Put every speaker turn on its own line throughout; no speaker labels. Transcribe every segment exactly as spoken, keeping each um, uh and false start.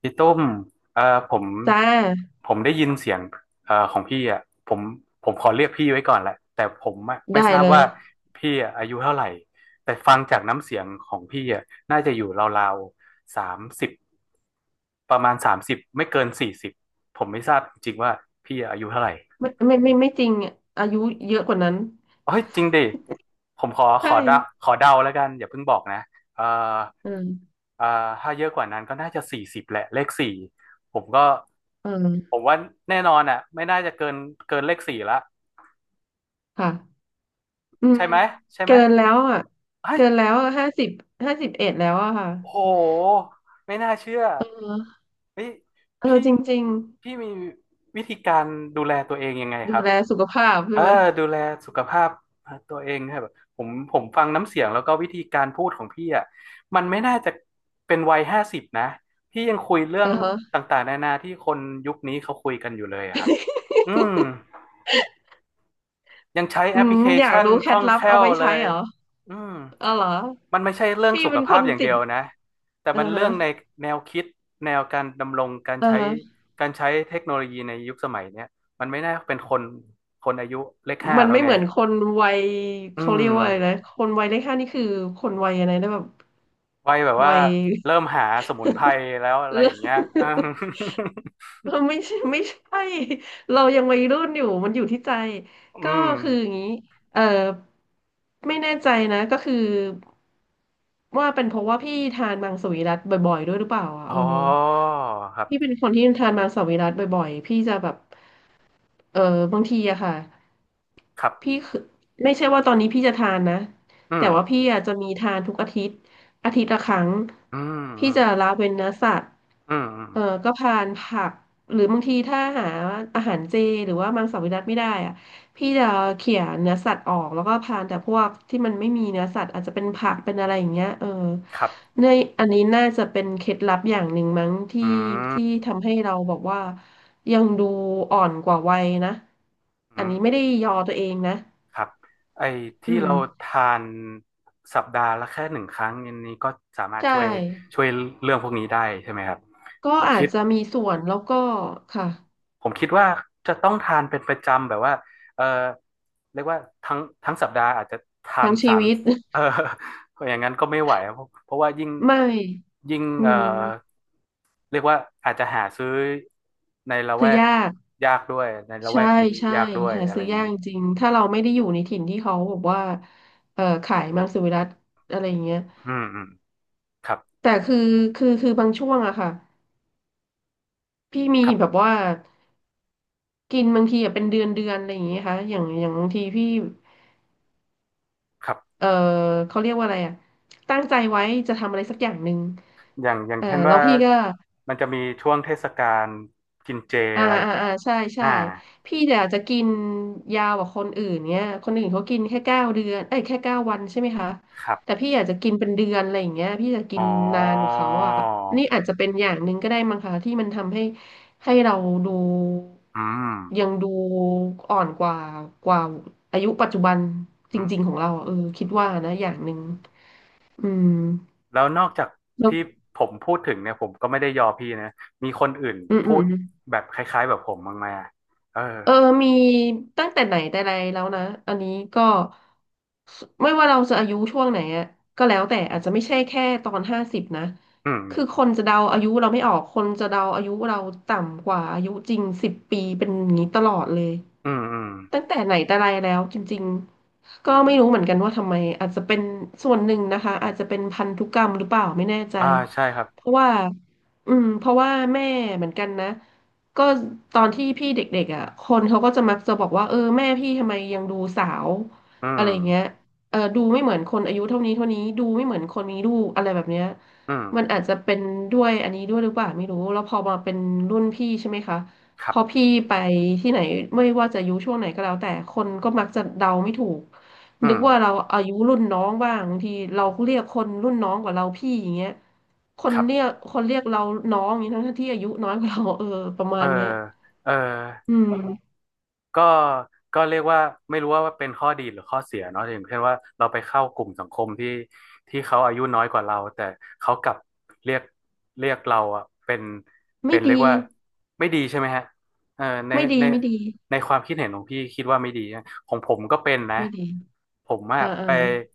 พี่ตุ้มเอ่อผม
จ้า
ผมได้ยินเสียงเอ่อของพี่อ่ะผมผมขอเรียกพี่ไว้ก่อนแหละแต่ผมอะไม่
ได้
ทราบ
เลย
ว่าพี่อะอายุเท่าไหร่แต่ฟังจากน้ำเสียงของพี่อ่ะน่าจะอยู่ราวๆสามสิบประมาณสามสิบไม่เกินสี่สิบผมไม่ทราบจริงๆว่าพี่อายุเท่าไหร่
ไม่ไม่ไม่ไม่จริงอะอายุเยอะกว่านั้น
เฮ้ยจริงดิผมขอข
ใช่
อเดาขอเดาแล้วกันอย่าเพิ่งบอกนะเอ่อ
อืม
เอ่อถ้าเยอะกว่านั้นก็น่าจะสี่สิบแหละเลขสี่ผมก็
อื
ผ
ม
มว่าแน่นอนอ่ะไม่น่าจะเกินเกินเลขสี่ละ
ค่ะอื
ใช่
ม
ไหมใช่ไหม
เกินแล้วอ่ะ
เฮ้ย
เกินแล้วห้าสิบห้าสิบเอ็ดแล้วอะค่ะ
โอ้โหไม่น่าเชื่อ
เออ
เฮ้ย
เออ
พี่
จริง
พี่มีวิธีการดูแลตัวเองยังไง
ๆ
ค
ดู
รับ
แลสุขภาพใช่
อ่า
ไหม
ดูแลสุขภาพตัวเองครับผมผมฟังน้ำเสียงแล้วก็วิธีการพูดของพี่อ่ะมันไม่น่าจะเป็นวัยห้าสิบนะพี่ยังคุยเรื่อ
เอ
ง
อฮะ
ต่างๆนานาที่คนยุคนี้เขาคุยกันอยู่เลยอะครับอืมยังใช้แอ
อื
ปพ
ม
ลิเค
อยาก
ชัน
รู้เค
ค
ล็
ล่
ด
อง
ลั
แค
บ
ล่
เอา
ว
ไว้
เล
ใช้
ย
เหรอ
อืม
เออเหรอ
มันไม่ใช่เรื่อง
พี่
สุข
เป็นค
ภาพ
น
อย่าง
ติ
เดี
ด
ยวนะแต่
เออ
มันเรื่
ฮะ
องในแนวคิดแนวการดำรงการ
เออ
ใช้
ฮะ
การใช้เทคโนโลยีในยุคสมัยเนี้ยมันไม่น่าเป็นคนคนอายุเลขห้า
มัน
แล้ว
ไม่
ไง
เหมือนคนวัย
อื
เขาเรี
ม
ยกว่าอะไรนะคนวัยเลขห้านี่คือคนวัยอะไรนะแบบ
วัยแบบว่า
วัย
เริ่มหาสมุนไพร แล้วอะ
เอ
ไร
อ
อย่างเงี้ยอืม
ไม่ใช่ไม่ใช่เรายังวัยรุ่นอยู่มันอยู่ที่ใจ
อื
ก็
ม
คืออย่างนี้เออไม่แน่ใจนะก็คือว่าเป็นเพราะว่าพี่ทานมังสวิรัติบ่อยๆด้วยหรือเปล่าอ่ะ
อ๋อ
เออ
ครั
พี่
บ
เป็นคนที่ทานมังสวิรัติบ่อยๆพี่จะแบบเออบางทีอะค่ะ
ครั
พี่
บ
คือไม่ใช่ว่าตอนนี้พี่จะทานนะ
อื
แต่
ม
ว่าพี่อะจะมีทานทุกอาทิตย์อาทิตย์ละครั้ง
อืมอื
พี่
ม
จะละเว้นเนื้อสัตว์
อืมอืม
เออก็ทานผักหรือบางทีถ้าหาอาหารเจหรือว่ามังสวิรัติไม่ได้อะ พี่จะเขี่ยเนื้อสัตว์ออกแล้วก็พานแต่พวกที่มันไม่มีเนื้อสัตว์อาจจะเป็นผักเป็นอะไรอย่างเงี้ยเออ
ครับ
ในอันนี้น่าจะเป็นเคล็ดลับอย่างหนึ่งมั้งที่
อื
ที่
ม
ทำให้เราบอกว่ายังดูอ่อนกว่าวัยนะอั
อื
น
ม
นี้ไม่ได้ยอตัวเองนะ
ครับไอ้
อื
ที่
ม
เราทานสัปดาห์ละแค่หนึ่งครั้งอันนี้ก็สามาร
ใช
ถช่วย
่
ช่วยเรื่องพวกนี้ได้ใช่ไหมครับ
ก็
ผม
อา
คิ
จ
ด
จะมีส่วนแล้วก็ค่ะ
ผมคิดว่าจะต้องทานเป็นประจำแบบว่าเออ เรียกว่าทั้งทั้งสัปดาห์อาจจะทาน
ทั้งชี
สาม
วิต
เออ อย่างนั้นก็ไม่ไหวเพราะเพราะว่ายิ่ง
ไม่
ยิ่ง
อื
เออ
ม
เรียกว่าอาจจะหาซื้อในละ
คื
แว
อ
ก
ยาก
ยากด้วยในละแว
ใช่
กนี้
ใช่
ยากด้วย
หา
อะไร
ซื้อ
อย่าง
ยาก
เงี้ย
จริงถ้าเราไม่ได้อยู่ในถิ่นที่เขาบอกว่าเอ่อขายมังสวิรัติอะไรอย่างเงี้ย
อืมอืมครับ
แต่คือคือคือบางช่วงอะค่ะพี่มี
ครั
แบบ
บ
ว่ากินบางทีอะเป็นเดือนเดือนอะไรอย่างเงี้ยค่ะอย่างอย่างบางทีพี่
ครับ
เออเขาเรียกว่าอะไรอะตั้งใจไว้จะทำอะไรสักอย่างหนึ่ง
อย่างอย่าง
เออ
เช่น
แล้ว
ว่า
พี่ก็
มันจะมีช่วงเทศกาลกินเจ
อ่า
อะไรอย่าง
อ่า
เงี้ย
อ่าใช่ใช่
อ่า
พี่เนี่ยอาจจะกินยาวกว่าคนอื่นเนี่ยคนอื่นเขากินแค่เก้าเดือนเอ้ยแค่เก้าวันใช่ไหมคะ
ครั
แต่
บ
พี่อาจจะกินเป็นเดือนอะไรอย่างเงี้ยพี่จะกิ
อ๋อ
นนานกว่าเขาอ่ะนี่อาจจะเป็นอย่างหนึ่งก็ได้มั้งคะที่มันทำให้ให้เราดู
อืม
ยังดูอ่อนกว่ากว่าอายุปัจจุบันจ
อืม
ริงๆของเราอะเออคิ
อื
ดว่า
ม
นะอย่างหนึ่งอืม
แล้วนอกจาก
แล้ว
ที่ผมพูดถึงเนี่ยผมก็ไม่ได้ยอพี่นะมีคนอื่น
อืมอื
พู
ม
ดแบบคล้ายๆแบบผมบ้างไหมอะเออ
เออมีตั้งแต่ไหนแต่ไรแล้วนะอันนี้ก็สไม่ว่าเราจะอายุช่วงไหนอะก็แล้วแต่อาจจะไม่ใช่แค่ตอนห้าสิบนะ
อืม
คือคนจะเดาอายุเราไม่ออก คนจะเดาอายุเราต่ำกว่าอายุจริงสิบปีเป็นอย่างนี้ตลอดเลย
อืมอืม
ตั้งแต่ไหนแต่ไรแล้วจริงๆก็
อื
ไม่รู้เหมือนกันว่า
ม
ทำไมอาจจะเป็นส่วนหนึ่งนะคะอาจจะเป็นพันธุกรรมหรือเปล่าไม่แน่ใจ
อ่าใช่ครับ
เพราะว่าอืมเพราะว่าแม่เหมือนกันนะ ก็ตอนที่พี่เด็กๆอ่ะคนเขาก็จะมักจะบอกว่าเออแม่พี่ทำไมยังดูสาว
อื
อะไร
ม
เงี้ยเออดูไม่เหมือนคนอายุเท่านี้เท่านี้ดูไม่เหมือนคนมีลูกอะไรแบบเนี้ย
อืม
มันอาจจะเป็นด้วยอันนี้ด้วยหรือเปล่าไม่รู้แล้วพอมาเป็นรุ่นพี่ใช่ไหมคะ
ค
พ
รั
อ
บ
พี่ไปที่ไหนไม่ว่าจะอายุช่วงไหนก็แล้วแต่คนก็มักจะเดาไม่ถูก
อื
นึกว่าเรา
ม
อายุรุ่นน้องบ้างบางทีเราเรียกคนรุ่นน้องกว่าเราพี่อย่างเงี้ย ค
ค
น
รั
เรี
บ
ยกคนเรียกเราน้องอย่างนี้ทั้งที่อายุน้อยกว่าเราเออประมา
เออ
ณเนี้ย
เออ
อืม
ก็ก็เรียกว่าไม่รู้ว่าเป็นข้อดีหรือข้อเสียเนาะอย่างเช่นว่าเราไปเข้ากลุ่มสังคมที่ที่เขาอายุน้อยกว่าเราแต่เขากลับเรียกเรียกเราอะเป็นเป็
ไม่
นเรีย
ดี
กว่าไม่ดีใช่ไหมฮะเออใน
ไม่ดี
ใน
ไม่ดี
ในความคิดเห็นของพี่คิดว่าไม่ดีนะของผมก็เป็นนะ
ไม่ดี
ผมอะ
อ่าอ่า
ไป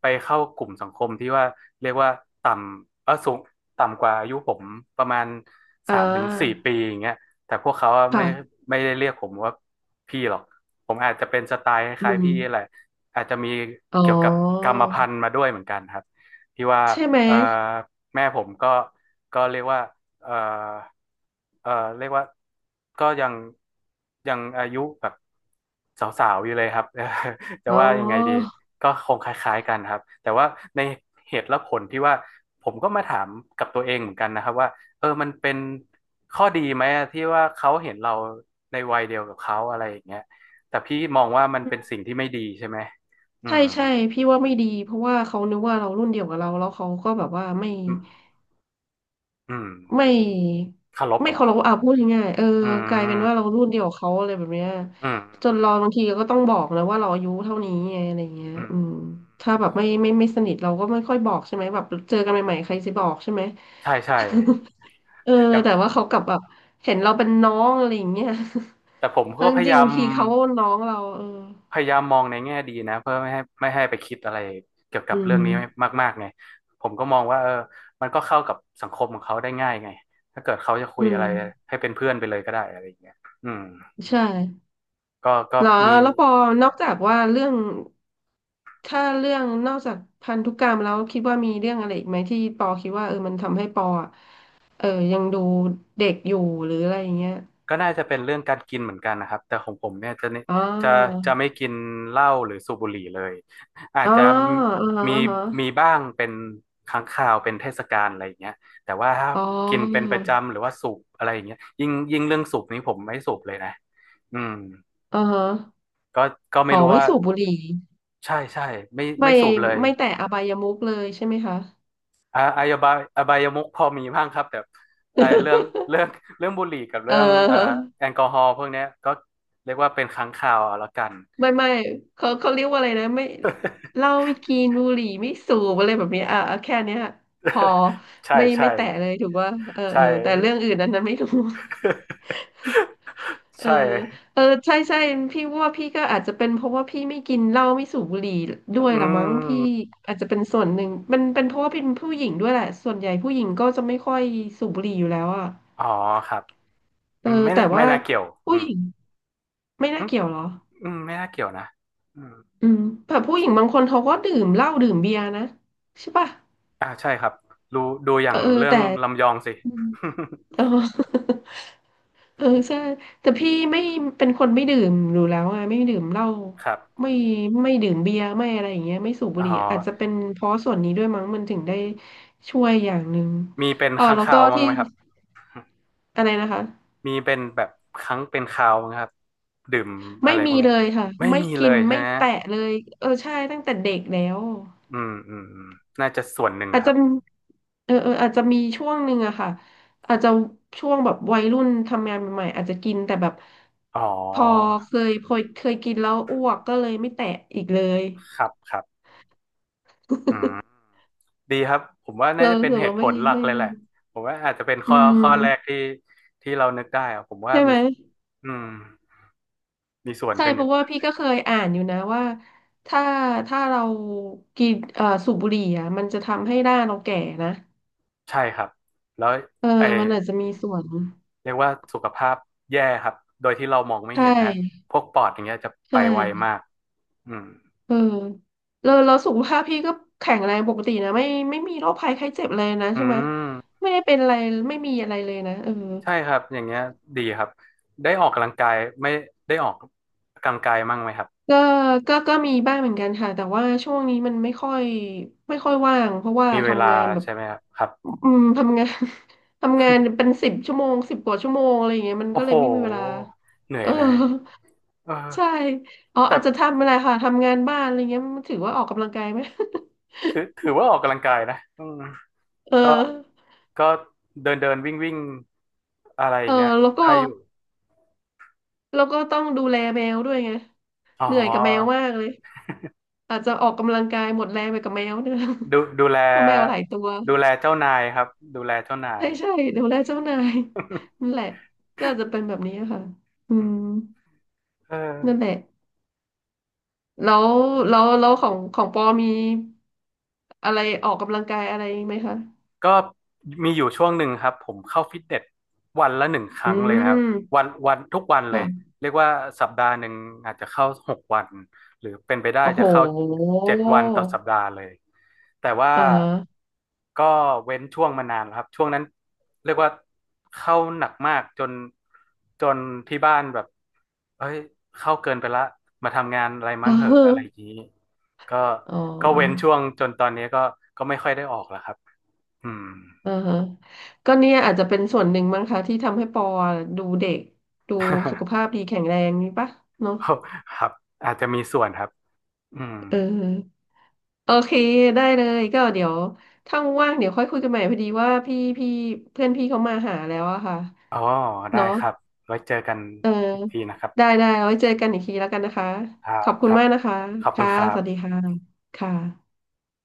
ไปเข้ากลุ่มสังคมที่ว่าเรียกว่าต่ำเออสูงต่ำกว่าอายุผมประมาณ
อ่
สามถึงสี่
า
ปีอย่างเงี้ย แต่พวกเขาอะไม่
ค่ะ
ไม่ได้เรียกผมว่าพี่หรอกผมอาจจะเป็นสไตล์ค
อื
ล้ายๆ
ม
พี่แหละอาจจะมี
อ๋
เกี่ยวกับกร
อ
รมพันธุ์มาด้วยเหมือนกันครับที่ว่า
ใช่ไหม
เอ่อแม่ผมก็ก็เรียกว่าเอ่อเอ่อเรียกว่าก็ยังยังอายุแบบสาวๆอยู่เลยครับ จะ
อ๋อ
ว่ายังไงดีก็คงคล้ายๆกันครับแต่ว่าในเหตุและผลที่ว่าผมก็มาถามกับตัวเองเหมือนกันนะครับว่า เออ มันเป็นข้อดีไหมอะที่ว่าเขาเห็นเราในวัยเดียวกับเขาอะไรอย่างเงี้ยแต่พี่มองว่ามัน
อื
เป็นสิ่
ม
งที่ไม่ดีใช่ไหมอื
ใช่
ม
ใช่พี่ว่าไม่ดีเพราะว่าเขานึกว่าเรารุ่นเดียวกับเราแล้วเขาก็แบบว่าไม่
อืมอืม
ไม่
เคารพ
ไม่
เหรอ
เคารพอ่ะพูดง่ายๆเออ
อื
กลายเป็นว่าเรา
ม
รุ่นเดียวกับเขาอะไรแบบเนี้ย
อื
จนเรา
ม
บางทีก็ต้องบอกนะว่าเราอายุเท่านี้ไงอะไรเงี้ย
อื
อืม
ม
ถ้าแบบไม่ไม่ไม่สนิทเราก็ไม่ค่อยบอกใช่ไหมแบบเจอกันใหม่ๆใครจะบอกใช่ไหม
ใช่ใช่
เออ
อย่าง
แต่ว่าเขากลับแบบเห็นเราเป็นน้องอะไรอย่างเงี้ย
แต่ผม ก็
ทั้ง
พยา
จริ
ยา
ง
ม
ๆทีเขาน้องเราเออ
พยายามมองในแง่ดีนะเพื่อไม่ให้ไม่ให้ไปคิดอะไรเกี่ยวกั
อื
บเรื่
ม
องนี้มากๆไงผมก็มองว่าเออมันก็เข้ากับสังคมของเขาได้ง่ายไง ถ้าเกิดเขาจะคุ
อื
ยอะไร
ม
ให้เป็นเพื่อนไปเลยก็ได้อะไรอย่างเงี้ยอืม
ใช่
ก็ก็
เหรอ
มี
แล้วปอนอกจากว่าเรื่องถ้าเรื่องนอกจากพันธุกรรมแล้วคิดว่ามีเรื่องอะไรอีกไหมที่ปอคิดว่าเออมันทำให้ปออะเออยังดูเด็กอยู่หรืออะไรอย่างเงี้ย
ก็น่าจะเป็นเรื่องการกินเหมือนกันนะครับแต่ของผมเนี่ยจะเน
อ๋
จะ
อ
จะไม่กินเหล้าหรือสูบบุหรี่เลยอาจ
อ๋อ
จะ
อ๋อ
มี
อ๋อฮะ
มีบ้างเป็นครั้งคราวเป็นเทศกาลอะไรอย่างเงี้ยแต่ว่าถ้า
อ๋อ
กินเป็นประจำหรือว่าสูบอะไรอย่างเงี้ยยิ่งยิ่งเรื่องสูบนี้ผมไม่สูบเลยนะอืม
อ๋อฮะ
ก็ก็ไม่
อ๋อ
รู้
ไม่
ว่า
สูบบุหรี่
ใช่ใช่ไม่
ไม่
ไม่สูบเลย
ไม่แตะอบายมุขเลยใช่ไหมคะ
อ่าอาอบายอบายมุขพอมีบ้างครับแต่เอ่อเรื่องเรื่อง เรื่องบุหรี่กับ
เอ
เรื่องเอ่อ
อ
แอลกอฮอล์พวกเนี้ยก็เรียกว่าเป็นครั้งคราวเอาละกัน
ไม่ไม่เขาเขาเรียกว่าอะไรนะไม่ เหล้าไม่กินบุหรี่ไม่สูบอะไรแบบเนี้ยอ่ะอ่ะแค่เนี้ยพอ
ใช่
ไม่
ใช่
ไม่แตะเลยถูกว่าเออ
ใช่
เออแต่เรื่องอื่นนั้นนั้นไม่รู้ เอ
ใช่
อเออใช่ใช่พี่ว่าพี่ก็อาจจะเป็นเพราะว่าพี่ไม่กินเหล้าไม่สูบบุหรี่ด้วย
อื
ละมั้งพี่
ม
อาจจะเป็นส่วนหนึ่งมันเป็นเพราะว่าเป็นผู้หญิงด้วยแหละส่วนใหญ่ผู้หญิงก็จะไม่ค่อยสูบบุหรี่อยู่แล้วอ่ะ
อ๋อครับ
เอ
อื
อ
มไม่
แต่
น่าไม่
ว่า
น่าเกี่ยวอื
ผู้ห
ม
ญิงไม่
อื
น่า
ม
เกี่ยวเหรอ
อืมไม่น่าเกี่ยวนะอืม
อืมแต่ผู้หญิงบางคนเขาก็ดื่มเหล้าดื่มเบียร์นะใช่ป่ะ
อ่าใช่ครับดูดูอ
เอ
ย่า
อ
ง
เออ
เรื่อง
แต่
ลำยองสิ
อืมเออ เออใช่แต่พี่ไม่เป็นคนไม่ดื่มอยู่แล้วไงไม่ดื่มเหล้า
ครับ
ไม่ไม่ดื่มเบียร์ไม่อะไรอย่างเงี้ยไม่สูบบุ
อ๋อ
หรี่อาจจะเป็นเพราะส่วนนี้ด้วยมั้งมันถึงได้ช่วยอย่างหนึ่ง
มีเป็น
อ๋อ
ค้าง
แล้ว
คา
ก็
วมั้าง
ที่
ไหมครับ
อะไรนะคะ
มีเป็นแบบครั้งเป็นคราวนะครับดื่มอะ
ไม่
ไรพว
มี
กเนี้ย
เลยค่ะ
ไม่
ไม่
มีเล
กิน
ยใช่
ไม่
ไหม
แตะเลยเออใช่ตั้งแต่เด็กแล้ว
อืมอืมอืมน่าจะส่วนหนึ่ง
อา
อะ
จ
ค
จะ
รับ
เออเอออาจจะมีช่วงหนึ่งอะค่ะอาจจะช่วงแบบวัยรุ่นทำงานใหม่ๆอาจจะกินแต่แบบ
อ๋อ
พอเคยพอเคยกินแล้วอ้วกก็เลยไม่แตะอีกเลย
ครับครับอืม ดีครับผมว่าน่า
เรา
จะ
รู้
เป็น
สึก
เห
เรา
ตุผ
ไม่
ลหลัก
ไม่
เลย
ไม่
แหละผมว่าอาจจะเป็น
อื
ข้อข้อแรก
ม
ที่ที่เรานึกได้อะผมว่า
ใช่ไหม
มีอืมมีส่วน
ใช่
เป็นอ
เพ
ย่าง
ราะว่าพี่ก็เคยอ่านอยู่นะว่าถ้าถ้าเรากินเอ่อสูบบุหรี่อ่ะมันจะทำให้หน้าเราแก่นะ
ใช่ครับแล้ว
เออ
ไอ
มันอาจจะมีส่วน
เรียกว่าสุขภาพแย่ครับโดยที่เรามองไม่
ใช
เห็นนะฮะ
่
พวกปอดอย่างเงี้ยจะ
ใช
ไปไว
่
มากอืม
เออแล้วแล้วสุขภาพพี่ก็แข็งแรงปกตินะไม่ไม่มีโรคภัยไข้เจ็บเลยนะ
อื
ใช่ไหม
ม
ไม่ได้เป็นอะไรไม่มีอะไรเลยนะเออ
ใช่ครับ อย่างเงี้ยดีครับ ได้ออกกำลังกายไม่ได้ออกกำลังกายมั่งไหมครับ
ก็ก็ก็มีบ้างเหมือนกันค่ะแต่ว่าช่วงนี้มันไม่ค่อยไม่ค่อยว่างเพราะว่า
มีเวลา
ทำงานแบบ
ใช่ไหมครับครับ
อืมทำงาน ทำงานเป็นสิบชั่วโมงสิบกว่าชั่วโมงอะไรอย่างเงี้ยมัน
โอ้
ก็เล
โห
ยไม่มีเวลา
เหนื่อ
เอ
ย
อ
เลยเออ
ใช่อ๋อ
แต่
อาจจะทำอะไรค่ะทำงานบ้านอะไรเงี้ยมันถือว่าออกกำลังกายไหม
ถือถือว่าออกกำลังกายนะอืม
เออ
ก็ก็เดินเดินวิ่งวิ่งอะไรอ
เอ
ย่า
อ
งเงี้ย
แล้วก็
ได้อยู่
แล้วก็ต้องดูแลแมวด้วยไง
อ๋อ
เหนื่อยกับแมวมากเลยอาจจะออกกำลังกายหมดแรงไปกับแมวเนี่ย
ดูดูแล
เพราะแมวหลายตัว
ดูแลเจ้านายครับดูแลเจ้านาย
ใช่ใช่ดูแลเจ้านายนั่นแหละ ก็อาจจะเป็นแบบนี้ค่ะอื
อื
ม
มเออ
นั่นแหละ แล้วแล้วแล้วของของปอมีอะไรออกกำลังกายอะไรไหมคะ
ก็มีอยู่ช่วงหนึ่งครับผมเข้าฟิตเนสวันละหนึ่งค
อื
รั้งเลยนะครับ
ม
วันวันทุกวันเลย
ค่ะ
เรียกว่าสัปดาห์หนึ่งอาจจะเข้าหกวันหรือเป็นไปได้
โอ้โห
จะเข้าเจ็ดวันต่อสัปดาห์เลยแต่ว่า
อ่า
ก็เว้นช่วงมานานแล้วครับช่วงนั้นเรียกว่าเข้าหนักมากจนจนที่บ้านแบบเอ้ยเข้าเกินไปละมาทำงานอะไรมั่งเหอะอะไร อย่างนี้ก็
อ๋อ
ก็เว้นช่วงจนตอนนี้ก็ก็ไม่ค่อยได้ออกแล้วครับ อืม
อ่าฮะก็เนี่ยอาจจะเป็นส่วนหนึ่งมั้งคะที่ทำให้ปอดูเด็กดูสุข ภาพดีแข็งแรงนี่ปะเนาะ
ครับอาจจะมีส่วนครับอืม
เออโอเคได้เลยก็เดี๋ยวถ้าว่างๆเดี๋ยวค่อยคุยกันใหม่พอดีว่าพี่พี่เพื่อนพี่เขามาหาแล้วอะค่ะ
อ๋อได้
เนาะ
ครับไว้เจอกัน
เออ
อีกทีนะครับ
ได้ได้เอาไว้เจอกันอีกทีแล้วกันนะคะ
ครั
ข
บ
อบคุ
ค
ณ
รับ
มากนะคะ
ขอบคุณ
ค่ะ
ครั
สวัสดี
บ
ค่ะค่ะ